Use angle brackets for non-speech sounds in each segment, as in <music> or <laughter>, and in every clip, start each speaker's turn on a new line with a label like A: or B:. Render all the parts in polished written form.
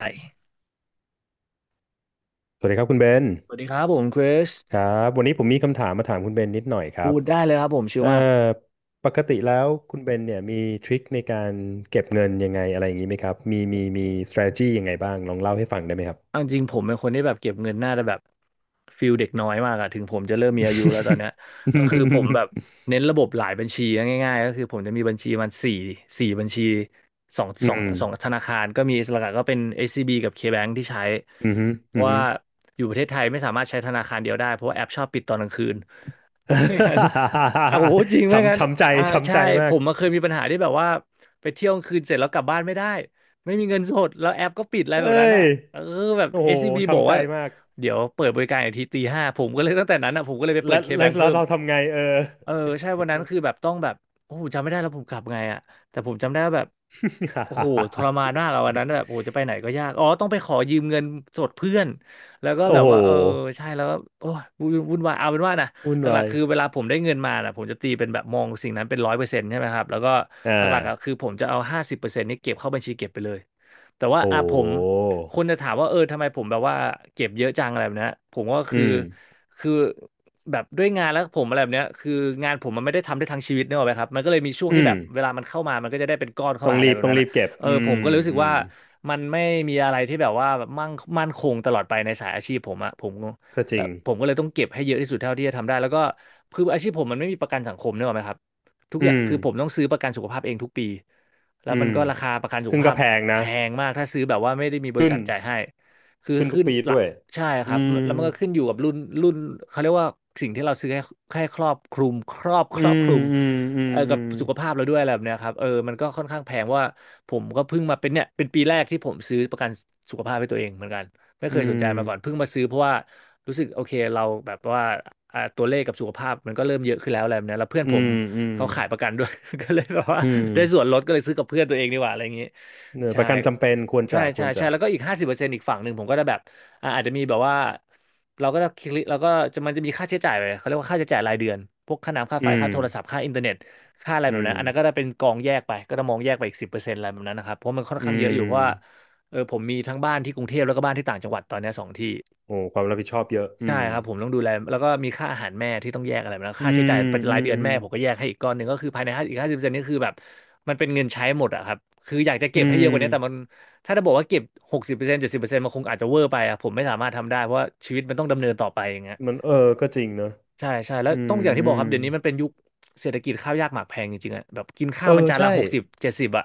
A: ไป
B: สวัสดีครับคุณเบน
A: สวัสดีครับผมคริส
B: ครับ วันนี้ผมมีคำถามมาถามคุณเบนนิดหน่อยครั
A: พู
B: บ
A: ดได้เลยครับผมชิล
B: เอ่อ
A: มาก
B: ปกติแล้วคุณเบนเนี่ยมีทริคในการเก็บเงินยังไงอะไรอย่างนี้ไหมครับมี strategy ยังไงบ้าง ลองเล่าให้ฟังได้ไหมครับ
A: เอาจริงๆผมเป็นคนที่แบบเก็บเงินน่าจะแบบฟิลเด็กน้อยมากอะถึงผมจะเริ่มมีอายุแล้วตอนเนี้ยก็คือผมแบบเน้นระบบหลายบัญชีนะง่ายๆก็คือผมจะมีบัญชีมันสี่บัญชีสอง
B: <laughs> อื
A: สอง
B: ม
A: สองธนาคารก็มีหลักๆก็เป็น SCB กับ KBank ที่ใช้
B: อืม
A: เพ
B: อื
A: ราะ
B: ม
A: ว่าอยู่ประเทศไทยไม่สามารถใช้ธนาคารเดียวได้เพราะว่าแอปชอบปิดตอนกลางคืน ไม่งั้นอ่ะผมพูดจริง
B: <laughs>
A: ไม่งั้
B: ช้ำ
A: น
B: ช้ำใจ
A: อ่า
B: ช้ำ
A: ใช่
B: ใจ
A: ผ
B: มาก
A: มมาเคยมีปัญหาที่แบบว่าไปเที่ยวกลางคืนเสร็จแล้วกลับบ้านไม่ได้ไม่มีเงินสดแล้วแอปก็ปิดอะไร
B: เอ้
A: แบบนั้น
B: ย
A: อ่ะเออแบบ
B: โอ้โห
A: SCB บอก
B: ช้ำใจ
A: ว่า
B: มาก
A: เดี๋ยวเปิดบริการอีกทีตีห้าผมก็เลยตั้งแต่นั้นอ่ะผมก็เลยไปเปิ
B: แล้
A: ด
B: ว
A: เค
B: แล้
A: แบ
B: ว
A: ง
B: แล้
A: เพิ่
B: ว
A: ม
B: เราทำไงเออ
A: เออใช่วันนั้นคือแบบต้องแบบโอ้โหจำไม่ได้แล้วผมกลับไงอ่ะแต่ผมจำได้ว่าแบบโอ้โหทรมานมากอะวันนั้นแบบโอ้โหจะไปไหนก็ยากอ๋อต้องไปขอยืมเงินสดเพื่อนแล้วก็
B: <laughs> โอ้
A: แบบ
B: โห
A: ว่าเออใช่แล้วก็โอ้ยวุ่นวนวายเอาเป็นว่านะ
B: วุ่น
A: หลั
B: วา
A: ก
B: ย
A: ๆคือเวลาผมได้เงินมาน่ะผมจะตีเป็นแบบมองสิ่งนั้นเป็น100%ใช่ไหมครับแล้วก็
B: อ่
A: หลักๆอ่ะ
B: า
A: คือผมจะเอาห้าสิบเปอร์เซ็นต์นี้เก็บเข้าบัญชีเก็บไปเลยแต่ว่า
B: โอ
A: อ่ะผม
B: ้
A: คนจะถามว่าเออทำไมผมแบบว่าเก็บเยอะจังอะไรแบบเนี้ยผมก็
B: อื
A: คือ
B: ม
A: คือแบบด้วยงานแล้วผมอะไรแบบเนี้ยคืองานผมมันไม่ได้ทำได้ทั้งชีวิตเนกอะไหมครับมันก็เลยมีช่วง
B: อื
A: ที่แบ
B: ม
A: บเวลามันเข้ามามันก็จะได้เป็นก้อนเข้า
B: ต้อ
A: มา
B: ง
A: อะไร
B: รีบ
A: แบบ
B: ต้อง
A: นั้น
B: รี
A: อ่ะ
B: บเก็บ
A: เออผมก็เลยรู้สึก
B: อื
A: ว่า
B: ม
A: มันไม่มีอะไรที่แบบว่ามั่งมั่นคงตลอดไปในสายอาชีพผมอ่ะผม
B: ก็จริ
A: แล้ว
B: ง
A: ผมก็เลยต้องเก็บให้เยอะที่สุดเท่าที่จะทำได้แล้วก็คืออาชีพผมมันไม่มีประกันสังคมเนกอะไหมครับทุก
B: อื
A: อย่าง
B: ม
A: คือผมต้องซื้อประกันสุขภาพเองทุกปีแล้ว
B: อื
A: มัน
B: ม
A: ก็ราคาประกันสุข
B: ซึ่งก็
A: ภาพ
B: แพงนะ
A: แพงมากถ้าซื้อแบบว่าไม่ได้มีบริ
B: ขึ้น
A: ษัทจ่ายให้คือ
B: ขึ้นทุ
A: ขึ้
B: ก
A: น
B: ปี
A: ห
B: ด้
A: ละ
B: วย
A: ใช่ค
B: อื
A: รับ
B: ม
A: แล้วมันก็ขึ้นอยู่กับรุ่นเขาเรียกว่าสิ่งที่เราซื้อให้ให้ครอบคลุมค
B: อื
A: รอบค
B: ม
A: ลุม
B: อืมอืม
A: เออ
B: อื
A: กับ
B: ม
A: สุขภาพเราด้วยอะไรแบบเนี้ยครับเออมันก็ค่อนข้างแพงว่าผมก็เพิ่งมาเป็นเนี่ยเป็นปีแรกที่ผมซื้อประกันสุขภาพให้ตัวเองเหมือนกันไม่เคยสนใจมาก่อนเพิ่งมาซื้อเพราะว่า รู้สึกโอเคเราแบบว่าอ่าตัวเลขกับสุขภาพมันก็เริ่มเยอะขึ้นแล้วอะไรแบบเนี้ยแล้วเพื่อน
B: อื
A: ผม
B: มอืม
A: เขา
B: อื
A: ขายป
B: ม
A: ระกัน <laughs> ด้วย <laughs> ก็เลยแบบว่า
B: อืม
A: ได้ส่วนลดก็เลยซื้อกับเพื่อนตัวเองดีกว่าอะไรอย่างงี้
B: เออป
A: ใช่
B: ระกันจำเป็นควร
A: ใช่
B: จะค
A: ใช่
B: วร
A: ใช่
B: จะ
A: แล้วก็อีกห้าสิบเปอร์เซ็นต์อีกฝั่งหนึ่งผมก็ได้แบบอ่าอาจจะมีแบบว่าเราก็ได้คลิกเราก็จะมันจะมีค่าใช้จ่ายไปเขาเรียกว่าค่าใช้จ่ายรายเดือนพวกค่าน้ำค่า
B: อื
A: ไฟ
B: ม
A: ค่าโทรศัพท์ค่าอินเทอร์เน็ตค่าอะไร
B: อื
A: แบบนั้
B: ม
A: นอันนั้นก็ได้เป็นกองแยกไปก็จะมองแยกไปอีกสิบเปอร์เซ็นต์อะไรแบบนั้นนะครับเพราะมันค่อน
B: อื
A: ข้างเยอะอยู่เพราะว่า
B: ม
A: เออผมมีทั้งบ้านที่กรุงเทพแล้วก็บ้านที่ต่างจังหวัดตอนเนี้ยสองที่
B: โอ้ความรับผิดชอบเยอะ
A: ใช่ครับผมต้องดูแลแล้วก็มีค่าอาหารแม่ที่ต้องแยกอะไรมาแล้ว
B: อื
A: ค่าใช้
B: ม
A: จ่ายประจำ
B: อื
A: รายเดื
B: ม
A: อนแม่ผมก็แยกให้อีกก้อนหนึ่งก็คือภายในห้าสิบเปอร์เซ็นต์นี่คือแบบมันเป็นเงินใช้หมดอะครับคืออยากจะ
B: อื
A: เก็บให้เยอะกว่านี้แต่มัน
B: ม
A: ถ้าจะบอกว่าเก็บ60%70%มันคงอาจจะเวอร์ไปอะผมไม่สามารถทำได้เพราะว่าชีวิตมันต้องดำเนินต่อไปอย่างเงี้ย
B: มันเออก็จริงเนอะ
A: ใช่ใช่แล้ว
B: อื
A: ต้
B: ม
A: องอย่างที่
B: อื
A: บอก
B: ม
A: ครับเดี๋ยวนี้มันเป็นยุคเศรษฐกิจข้าวยากหมากแพงจริงๆอะแบบกินข้า
B: เอ
A: วมัน
B: อ
A: จานละ
B: ใช่
A: หกสิบเจ็ดสิบอะ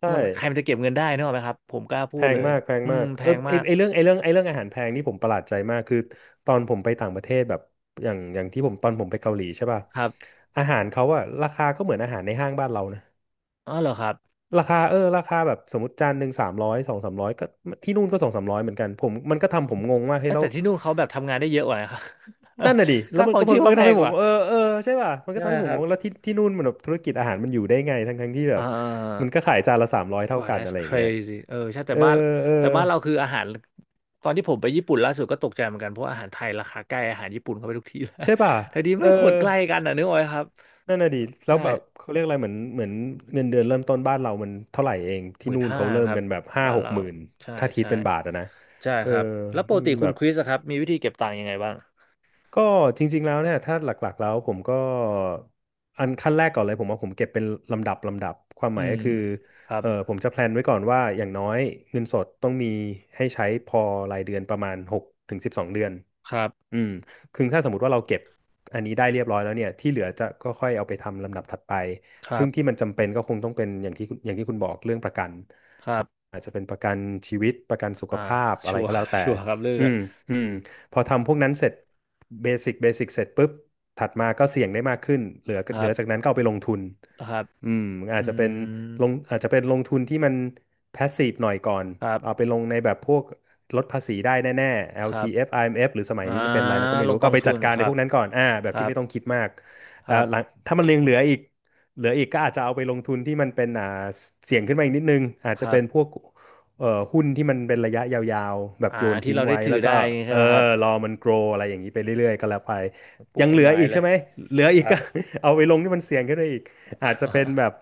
B: ใช่
A: มันใครมันจะเก็บเงินได้นึกออกไหมครับผมกล้า
B: แพ
A: พูด
B: ง
A: เลย
B: มากแพง
A: อื
B: มา
A: ม
B: ก
A: แพ
B: เออ
A: ง
B: ไอ
A: มาก
B: ไอเรื่องไอเรื่องไอเรื่องอาหารแพงนี่ผมประหลาดใจมากคือตอนผมไปต่างประเทศแบบอย่างที่ผมตอนผมไปเกาหลีใช่ป่ะ
A: ครับ
B: อาหารเขาอะราคาก็เหมือนอาหารในห้างบ้านเรานะ
A: อ๋อเหรอครับ
B: ราคาเออราคาแบบสมมติจานหนึ่งสามร้อยสองสามร้อยก็ที่นู่นก็สองสามร้อยเหมือนกันผมมันก็ทำผมงงว่า
A: เอ
B: เฮ้ย
A: อ
B: แล้ว
A: แต่ที่นู่นเขาแบบทำงานได้เยอะกว่าครับ
B: นั่นน่ะดิ
A: <laughs>
B: แล้ว
A: ค่า
B: มั
A: ข
B: น
A: อง
B: ก็ผ
A: ชีพ
B: ลก็
A: เขาแพ
B: ทำ
A: ง
B: ให้ผ
A: ก
B: ม
A: ว่า
B: งงเออเออใช่ป่ะมันก็
A: ใช่ไห
B: ทำ
A: ม
B: ให้ผ
A: ค
B: ม
A: รั
B: ง
A: บ
B: งแล้วที่ที่นู่นมันแบบธุรกิจอาหารมันอยู่ได้ไงทั้งที่แบ
A: อ่
B: บมั
A: า
B: นก็ขายจานละสามร้อยเท่า
A: ว้าว
B: กันอะ
A: that's
B: ไรอย่างเงี้ย
A: crazy เออใช่แต่
B: เออ
A: บ้าน
B: เออ
A: แต่บ้านเราคืออาหารตอนที่ผมไปญี่ปุ่นล่าสุดก็ตกใจเหมือนกันเพราะอาหารไทยราคาใกล้อาหารญี่ปุ่นเข้าไปทุกทีแล้ว
B: ใช่ป่ะ
A: <laughs> แต่ดี
B: เออ
A: ไม่ควรใกล้กันอ่ะนึกออกไหมครับ
B: นั่นน่ะดิแล้ว
A: ใช่
B: แบบเขาเรียกอะไรเหมือนเงินเดือนเริ่มต้นบ้านเรามันเท่าไหร่เอง
A: ห
B: ที่
A: มื่น
B: นู่น
A: ห้า
B: เขาเริ่
A: ค
B: ม
A: รับ
B: กันแบบห้า
A: บ้าน
B: หก
A: เรา
B: หมื่น
A: ใช่
B: ถ้าคิด
A: ใช่
B: เป็นบาทอะนะ
A: ใช่
B: เอ
A: ค
B: อ
A: รับแล้วปกติคุ
B: แบ
A: ณ
B: บ
A: คริสอะครับมีวิธีเก็บตังค์ยังไงบ้าง
B: ก็จริงๆแล้วเนี่ยถ้าหลักๆแล้วผมก็อันขั้นแรกก่อนเลยผมว่าผมเก็บเป็นลำดับความห
A: อื
B: มายก็
A: ม
B: คือ
A: ครับ
B: เออผมจะแพลนไว้ก่อนว่าอย่างน้อยเงินสดต้องมีให้ใช้พอรายเดือนประมาณหกถึงสิบสองเดือน
A: ครับ
B: อืมคือถ้าสมมติว่าเราเก็บอันนี้ได้เรียบร้อยแล้วเนี่ยที่เหลือจะก็ค่อยเอาไปทำลำดับถัดไป
A: ครั
B: ซึ่งที่
A: บ
B: มันจำเป็นก็คงต้องเป็นอย่างที่คุณบอกเรื่องประกัน
A: ครับ
B: อาจจะเป็นประกันชีวิตประกันสุข
A: อ่า
B: ภาพอะ
A: ชั
B: ไร
A: วร์
B: ก็แล้วแต่
A: <laughs> ชัวร์ครับเรื่อง
B: อื
A: เนี้ย
B: ม อืม พอทำพวกนั้นเสร็จเบสิกเสร็จปุ๊บ ถัดมาก็เสี่ยงได้มากขึ้นเหลือ
A: ค
B: เห
A: รั
B: ลือจาก
A: บ
B: นั้นก็เอาไปลงทุน
A: ครับ
B: อืมอาจ
A: อื
B: จะเป็น
A: ม
B: ลงอาจจะเป็นลงทุนที่มัน passive หน่อยก่อน
A: ครับ
B: เอาไปลงในแบบพวกลดภาษีได้แน่ๆ
A: ครับ
B: LTF IMF หรือสมัย
A: อ่า
B: นี้มันเป็นอะไรแล้วก็ไม่
A: ล
B: รู้
A: งก
B: ก็
A: อง
B: เอาไป
A: ทุ
B: จัด
A: น
B: การ
A: ค
B: ใน
A: รั
B: พ
A: บ
B: วกนั้นก่อนอ่าแบ
A: ค
B: บ
A: รั
B: ที่
A: บ
B: ไม่ต้องคิดมาก
A: ค
B: อ่า
A: รับ
B: หลังถ้ามันยังเหลืออีกก็อาจจะเอาไปลงทุนที่มันเป็นอ่าเสี่ยงขึ้นมาอีกนิดนึงอาจ
A: ค
B: จะ
A: รั
B: เป็
A: บ
B: นพวกเอ่อหุ้นที่มันเป็นระยะยาวๆแบบ
A: อ่า
B: โยน
A: ที่
B: ทิ้ง
A: เราได้
B: ไว้
A: ถือ
B: แล้วก็
A: ได้ใช่
B: เออ
A: ไหมครับ
B: รอมัน grow อะไรอย่างนี้ไปเรื่อยๆก็แล้วไป
A: ปลู
B: ยั
A: ก
B: ง
A: ต้
B: เห
A: น
B: ลือ
A: ไม้
B: อีก
A: เล
B: ใช่
A: ย
B: ไหมเหลือ
A: ค
B: อีก
A: รับ
B: ก็ <laughs> เอาไปลงที่มันเสี่ยงขึ้นไปอีก อาจจะเป็น
A: <laughs>
B: แบบ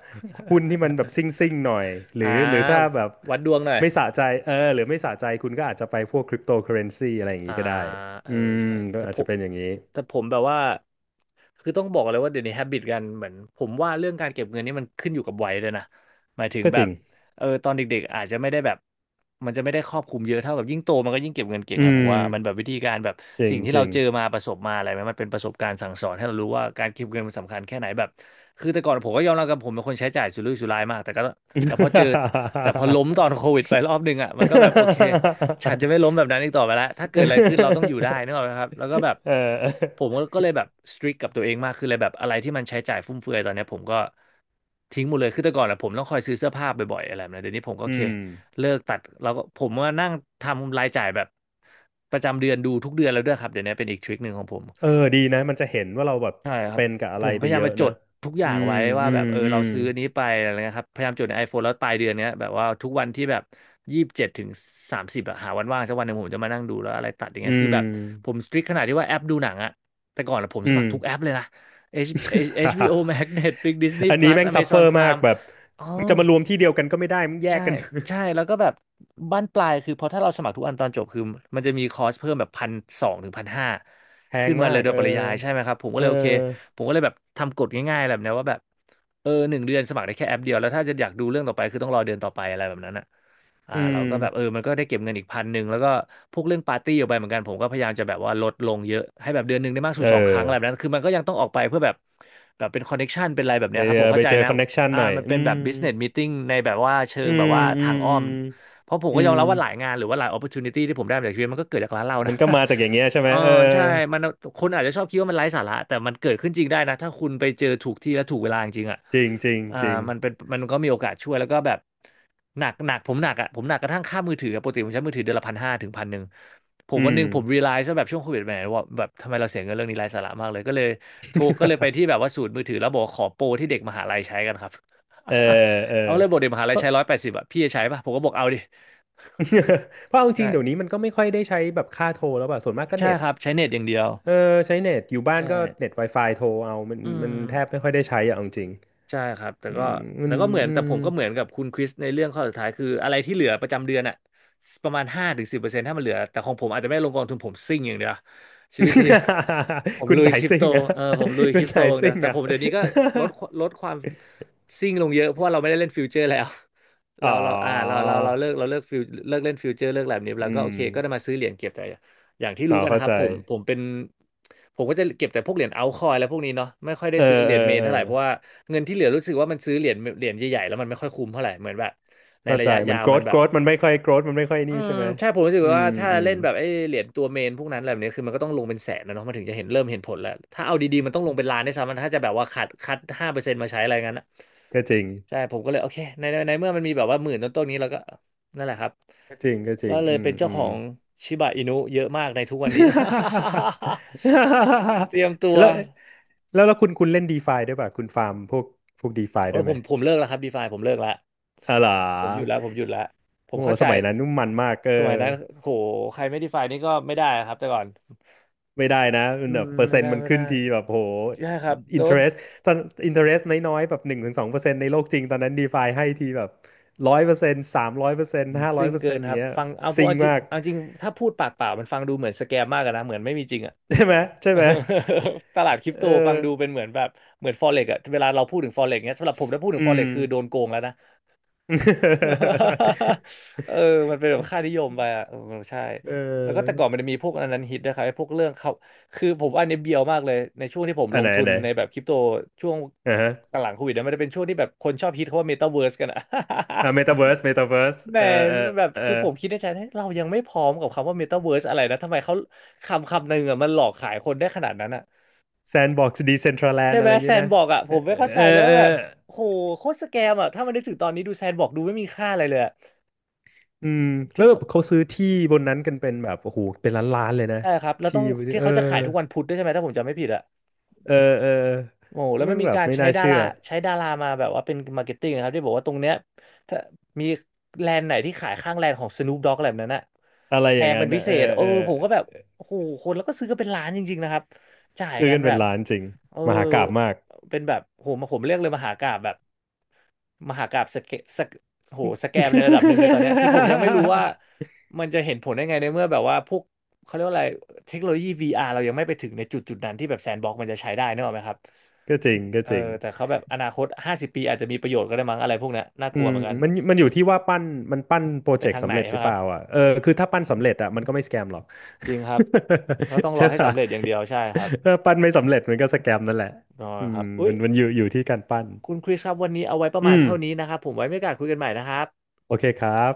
B: หุ้นที่มันแบบซิ่งซิ่งหน่อยหรื
A: อ่
B: อหรือถ้า
A: า
B: แบบ
A: วัดดวงหน่อย
B: ไม่สะใจเออหรือไม่สะใจคุณก็อาจจะไปพวกคริปโตเคอเรนซีอะไรอย่าง
A: อ่า
B: นี้ก็ได้
A: เออ
B: อืม
A: ใช่
B: ก็
A: แต่
B: อา
A: ผ
B: จจะ
A: ม
B: เป็นอย่างนี้
A: แต่ผมแบบว่าคือต้องบอกเลยว่าเดี๋ยวนี้ฮ a บิตกันเหมือนผมว่าเรื่องการเก็บเงินนี่มันขึ้นอยู่กับวัยด้วยนะหมายถึง
B: ก็
A: แบ
B: จริ
A: บ
B: ง
A: เออตอนเด็กๆอาจจะไม่ได้แบบมันจะไม่ได้ครอบคลุมเยอะเท่าแบบยิ่งโตมันก็ยิ่งเก็บเงินเก่ง
B: อื
A: อะผม
B: ม
A: ว่ามันแบบวิธีการแบบ
B: จริง
A: สิ่งที่
B: จ
A: เรา
B: ริง
A: เจอมาประสบมาอะไรไหมมันเป็นประสบการณ์สั่งสอนให้เรารู้ว่าการเก็บเงินมันสำคัญแค่ไหนแบบคือแต่ก่อนผมก็ยอมรับกับผมเป็นคนใช้จ่ายสุรุ่ยสุร่ายมากแต่ก็แต่พอเจอแต่พอล้มตอนโควิดไปรอบนึงอะมันก็แบบโอเค ฉัน
B: <laughs>
A: จะไม่ล้มแบบนั้นอีกต่อไปแล้ว ถ้าเกิดอะไรขึ้นเราต้องอยู่ได้นึกออกไหมครับแล้วก็แบบ
B: เอ
A: ผ
B: อ
A: มก็เลยแบบสตริกกับตัวเองมากขึ้นเลยแบบอะไรที่มันใช้จ่ายฟุ่มเฟือยตอนเนี้ยผมก็ทิ้งหมดเลยคือแต่ก่อนอะผมต้องคอยซื้อเสื้อผ้าบ่อยๆอะไรแบบนี้เดี๋ยวนี้ผมก็โอ
B: อื
A: เค
B: ม
A: เลิกตัดแล้วก็ผมว่านั่งทำรายจ่ายแบบประจำเดือนดูทุกเดือนแล้วด้วยครับเดี๋ยวนี้เป็นอีกทริคหนึ่งของผม
B: เออดีนะมันจะเห็นว่าเราแบบ
A: ใช่
B: ส
A: ครั
B: เป
A: บ
B: นกับอะ
A: ผ
B: ไร
A: มพ
B: ไป
A: ยายา
B: เย
A: ม
B: อะ
A: มาจ
B: เนอะ
A: ดทุกอ
B: อื
A: ย่าง
B: ม
A: ไว้ว่า
B: อื
A: แบ
B: ม
A: บเออ
B: อื
A: เรา
B: ม
A: ซื้ออันนี้ไปอะไรเงี้ยครับพยายามจดใน iPhone แล้วปลายเดือนเนี้ยแบบว่าทุกวันที่แบบ27-30อะหาวันว่างสักวันหนึ่งผมจะมานั่งดูแล้วอะไรตัดอย่าง
B: อื
A: เงี้ยคือ
B: ม
A: แบบผมสตริกขนาดที่ว่าแอปดูหนังอะแต่ก่อนอะผมส
B: อื
A: มัค
B: ม
A: รทุกแอปเลยนะ H HBO Max Netflix Disney
B: <laughs> อันนี้
A: Plus
B: แม่งซัฟเฟ
A: Amazon
B: อร์มาก
A: Prime
B: แบบ
A: อ๋อ
B: มึงจะมารวมที่เดียวกันก็ไม่ได้มึงแย
A: ใช่
B: กกัน
A: ใช่ แล้วก็แบบบ้านปลายคือเพราะถ้าเราสมัครทุกอันตอนจบคือมันจะมีคอร์สเพิ่มแบบ1,200-1,500
B: <laughs> แพ
A: ขึ้
B: ง
A: นมา
B: มา
A: เลย
B: ก
A: โดย
B: เออ
A: ปริยายใช่ไหมครับผมก็
B: เอ
A: เล
B: อ
A: ยโอเคผมก็เลยแบบทำกฎง่ายๆแบบเนี้ยว่าแบบเออหนึ่งเดือนสมัครได้แค่แอปเดียวแล้วถ้าจะอยากดูเรื่องต่อไปคือต้องรอเดือนต่อไปอะไรแบบนั้นอ่ะอ่า
B: อื
A: เรา
B: ม
A: ก็แบบเออมันก็ได้เก็บเงินอีกพันหนึ่งแล้วก็พวกเรื่องปาร์ตี้ออกไปเหมือนกันผมก็พยายามจะแบบว่าลดลงเยอะให้แบบเดือนหนึ่งได้มากสุด
B: เอ
A: 2 ครั้ง
B: อ
A: อะไรแบบนั้นคือมันก็ยังต้องออกไปเพื่อแบบแบบเป็นคอนเน็กชันเป็นอะไรแบบ
B: ไป
A: เนี้ยครับ
B: เจ
A: ผ
B: อ
A: ม
B: ไป
A: เข้าใจ
B: เจอ
A: นะ
B: คอนเน็กชัน
A: อ่า
B: หน่อย
A: มันเป็นแบบ business meeting ในแบบว่าเชิ
B: อื
A: งแบบ
B: ม
A: ว่า
B: อื
A: ทา
B: ม
A: งอ้อ
B: อื
A: ม
B: ม
A: เพราะผม
B: อื
A: ก็ยอม
B: ม
A: รับว่าหลายงานหรือว่าหลาย opportunity ที่ผมได้มาจากชีวิตมันก็เกิดจากร้านเรา
B: มั
A: นะ
B: นก็มาจากอย่างเงี้ย
A: <laughs>
B: ใช่ไห
A: เอ
B: ม
A: อ
B: เออ
A: ใช่มันคนอาจจะชอบคิดว่ามันไร้สาระแต่มันเกิดขึ้นจริงได้นะถ้าคุณไปเจอถูกที่และถูกเวลาจริงๆอ่ะ
B: จริงจริง
A: อ่า
B: จริง
A: มันเป็นมันก็มีโอกาสช่วยแล้วก็แบบหนักหนักผมหนักอ่ะผมหนักกระทั่งค่ามือถืออะปกติผมใช้มือถือเดือนละ1,500-1,100ผม
B: อื
A: วันห
B: ม
A: นึ่งผม realize ว่าแบบช่วงโควิดแหมว่าแบบทำไมเราเสียเงินเรื่องนี้ไร้สาระมากเลยก็เลยโทรก็เลยไปที่แบ
B: <laughs>
A: บว่าศูนย์มือถือแล้วบอกว่าขอโปรที่เด็กมหาลัยใช้กันครับ
B: เออเออ
A: <laughs> เขาเลยบอกเด็มหา
B: เพ
A: ลัย
B: ราะ
A: ใช้180อะพี่จะใช้ป่ะผมก็บอกเอาดิ
B: <laughs> เพราะเอาจริ
A: ใช่
B: งเดี๋ยวนี้มันก็ไม่ค่อยได้ใช้แบบค่าโทรแล้วป่ะส่วนมากก็
A: ใช่
B: เน็ต
A: ครับใช้เน็ตอย่างเดียว
B: เออใช้เน็ตอยู่บ้าน
A: ใช่
B: ก็เน็ต Wi-Fi โทรเอามัน
A: อื
B: มันแทบ
A: ม
B: ไม่ค่อยได้ใช้อะเอาจริง
A: ใช่ครับแต่
B: ๆอื
A: ก็
B: มมั
A: แล้
B: น
A: วก็เหมือน
B: อื
A: แต่
B: ม
A: ผมก็เหมือนกับคุณคริสในเรื่องข้อสุดท้ายคืออะไรที่เหลือประจำเดือนอะประมาณ5-10%ถ้ามันเหลือ แต่ของผมอาจจะไม่ลงกองทุนผมซิ่งอย่างเดียวชีวิตนี้ <laughs> ผม
B: <laughs> คุณ
A: ลุย
B: สา
A: ค
B: ย
A: ริป
B: ซิ่
A: โต
B: งอะ
A: เออผมลุย
B: <laughs>
A: ค
B: คุ
A: ริ
B: ณ
A: ปโต
B: สาย
A: อย่างเดียว
B: ซิ่ง
A: แต่ผ
B: อะ
A: มเดี๋ยวนี้ก็ลดลดความซิ่งลงเยอะ เพราะว่าเราไม่ได้เล่นฟิวเจอร์แล้ว
B: <laughs> อ๋
A: เรา
B: อ
A: เราอ่าเราเราเราเลิกเราเลิกฟิวเลิกเล่นฟิวเจอร์เลิกอะไรแบบนี้
B: อื
A: แล้วก็โอ
B: ม
A: เคก็ได้มาซื้อเหรียญเก็บแต่ อย่างที่
B: อ๋
A: รู้
B: อ
A: กันนะ
B: เข้า
A: ครั
B: ใจ
A: บผมเป็นผมก็จะเก็บแต่พวกเหรียญเอาท์คอยน์และพวกนี้เนาะไม่ค่อยได้
B: เออ
A: ซื้อเหรี
B: เออ
A: ยญเมน
B: เออ
A: เท่าไหร่เพราะว่าเงินที่เหลือรู้สึกว่ามันซื้อเหรียญใหญ่ๆแล้วมันไม่ค่อยคุ้มเท่าไหร่เหมือนแบบใน
B: เข้า
A: ระ
B: ใจ
A: ยะ
B: เหมื
A: ยา
B: อน
A: วมัน
B: growth
A: แบบ
B: growth มันไม่ค่อย growth มันไม่ค่อย
A: อื
B: นี่
A: ม
B: ใช่ไหม
A: ใช่ผมรู้สึก
B: อื
A: ว่า
B: ม
A: ถ้า
B: อืม
A: เล่นแบบไอ้เหรียญตัวเมนพวกนั้นอะไรแบบนี้คือมันก็ต้องลงเป็นแสนนะเนาะมันถึงจะเห็นเริ่มเห็นผลแล้วถ้าเอาดีๆมันต้องลงเป็นล้านได้วยซ้ำมันถ้าจะแบบว่าคัด5%มาใช้อะไรงั้นอะ
B: ก็จริง
A: ใช่ผมก็เลยโอเคในเมื่อมันมีแบบว่าหมื่นต้นๆนี้เราก็นั่นแหละครับ
B: ก็จริงก็จริ
A: ก็
B: ง
A: เลย
B: อืม
A: เป็นเจ้า
B: อื
A: ขอ
B: ม
A: งชิบะอินุเยอะมากในทุกวันนี้ <laughs>
B: <laughs>
A: เตรียมตัว
B: แล้วแล้วแล้วคุณเล่นดีฟาด้วยป่ะคุณฟาร์มพวกดีฟา
A: โอ้
B: ด้ว
A: ย
B: ย
A: ผ
B: ไหม
A: มผมเลิกแล้วครับดีฟาผมเลิกแล้ว
B: อ๋อเหรอ
A: ผมหยุดแล้วผม
B: โอ้โห
A: เข้าใจ
B: สมัยนั้นนุ่มมันมากเออ
A: สมัยนั้นโหใครไม่ดีไฟนี่ก็ไม่ได้ครับแต่ก่อน
B: ไม่ได้นะมั
A: อื
B: นแบ
A: ม
B: บเปอร์
A: ไม่
B: เซ็น
A: ได้
B: ต์มัน
A: ไม่
B: ขึ้
A: ได้
B: นทีแบบโห
A: ใช่ครับ
B: อิ
A: แต่
B: นเทอ
A: ว่า
B: ร์เรสตอนอินเทอร์เรสน้อยๆแบบหนึ่งถึงสองเปอร์เซ็นต์ในโลกจริงตอนนั้นดีฟาให้ทีแบบร้อยเปอร์เซ็นต์สามร้อยเปอร์เซ็นต์ห้า
A: จ
B: ร้อ
A: ริ
B: ย
A: ง
B: เปอร์
A: เกิ
B: เซ็
A: น
B: นต์
A: ครับ
B: เนี้ย
A: ฟังเอาพูด
B: ซิง
A: เอาจริง
B: มาก
A: เอาจริงถ้าพูดปากเปล่ามันฟังดูเหมือนสแกมมากอะนะเหมือนไม่มีจริงอะ
B: <laughs> ใช่ไหมใช่ไหม
A: <laughs> ตลาดคริป
B: เอ
A: โต
B: อ
A: ฟังดูเป็นเหมือนแบบเหมือนฟอเร็กอะเวลาเราพูดถึงฟอเร็กเนี้ยสำหรับผมถ้าพูดถึ
B: อื
A: งฟอ
B: ม
A: เร็กคือโดนโกงแล้วนะ <laughs> เออมันเป็นแบบค่านิ
B: <laughs>
A: ยมไปอ่ะเออใช่
B: เอ
A: แล้วก็แต่ก่อน
B: อ
A: มันจะมีพวกอันนั้นฮิตนะครับไอ้พวกเรื่องเขา คือผมว่าอันนี้เบียวมากเลยในช่วงที่ผม
B: อั
A: ล
B: น
A: ง
B: ไหน
A: ทุ
B: อัน
A: น
B: ไหน
A: ในแบบคริปโตช่วง
B: อ่าฮะ
A: หลังโควิดนะมันจะเป็นช่วงที่แบบคนชอบฮิตเขาว่าเมตาเวิร์สกันอ่ะ
B: อ่า
A: <laughs>
B: เมตาเวิร์ส
A: แหมแบบ
B: เอ่
A: คือผมคิ
B: อ
A: ดในใจนะเรายังไม่พร้อมกับคำว่าเมตาเวิร์สอะไรนะทำไมเขาคำหนึ่งอ่ะมันหลอกขายคนได้ขนาดนั้นอ่ะ
B: แซนด์บ็อกซ์ดีเซนทรัลแลน
A: ใช่
B: ด์อะ
A: ไหม
B: ไรอย่าง
A: แซ
B: งี้
A: น
B: นะ
A: บอกอ่ะผ
B: เออ
A: มไม่เข้าใจ
B: เอ
A: เล
B: อ
A: ย
B: เอ
A: ว่า
B: อ
A: แบบโหโคตรสแกมอ่ะถ้ามันนึกถึงตอนนี้ดูแซนบอกดูไม่มีค่าอะไรเลยอะ
B: อืมแล้ว
A: ที่
B: แบบเขาซื้อที่บนนั้นกันเป็นแบบโอ้โหเป็นล้านล้านเลยนะ
A: ใช่ครับ แล้ว
B: ที่
A: ต้องที่
B: เออ
A: เขาจะขายทุกวันพุธด้วยใช่ไหม ถ้าผมจำไม่ผิดอะ
B: เออเออ
A: โอ้แล้ว
B: มึ
A: มั
B: ง
A: นมี
B: แบบ
A: การ
B: ไม่
A: ใช้
B: น่า
A: ดา
B: เชื่
A: รา
B: อ
A: ใช้ดารามาแบบว่าเป็นมาร์เก็ตติ้งครับที่บอกว่าตรงเนี้ยถ้ามีแลนด์ไหนที่ขายข้างแลนด์ของ Snoop Dogg อะไรแบบนั้นน่ะ
B: อะไร
A: แพ
B: อย่าง
A: ง
B: นั้
A: เป็
B: น
A: นพิ
B: นะ
A: เศ
B: เอ
A: ษ
B: อ
A: เออ
B: เออ
A: ผมก็แบบโอ้โหคนแล้วก็ซื้อกันเป็นล้านจริงๆนะครับ จ่าย
B: ซื้อ
A: กัน
B: กัน
A: แบ
B: เป็น
A: บ
B: ล้านจริง
A: เออ
B: มหากาพย์มาก
A: เป็นแบบผมเรียกเลยมหากาพย์แบบมหากาพย์สเกสเกโหสแกมในระดับหนึ่งในตอนเนี้ยคือผมยังไม่รู้ว่า
B: <laughs>
A: มันจะเห็นผลได้ไงในเมื่อแบบว่าพวกเขาเรียกว่าอะไรเทคโนโลยี VR เรายังไม่ไปถึงในจุดนั้นที่แบบแซนด์บ็อกมันจะใช้ได้นึกออกไหมครับ
B: ก็จริงก็
A: เออ
B: จริง
A: แต่เขาแบบอนาคต50 ปีอาจจะมีประโยชน์ก็ได้มั้งอะไรพวกเนี้ยน่าก
B: อื
A: ลัว
B: ม
A: เหมือนกัน
B: มันมันอยู่ที่ว่าปั้นมันปั้นโปร
A: ไป
B: เจก
A: ทา
B: ต์
A: งไหน
B: สำเร็จ
A: ใช่
B: ห
A: ไหม
B: รือเป
A: ครับ
B: ล่าอ่ะเออคือถ้าปั้นสำเร็จอ่ะมันก็ไม่สแกมหรอก
A: จริงครับเขาต้อง
B: <laughs>
A: ร
B: ใช่
A: อให้
B: ป่ะ
A: สำเร็จอย่างเดียวใช่ครับ
B: ถ้าปั้นไม่สำเร็จมันก็สแกมนั่นแหละ
A: รอ
B: อื
A: ค
B: ม
A: รับอุ้
B: มั
A: ย
B: นมันอยู่ที่การปั้น
A: คุณคริสครับวันนี้เอาไว้ประ
B: อื
A: มาณ
B: ม
A: เท่านี้นะครับผมไว้มีโอกาสคุยกันใหม่นะครับ
B: โอเคครับ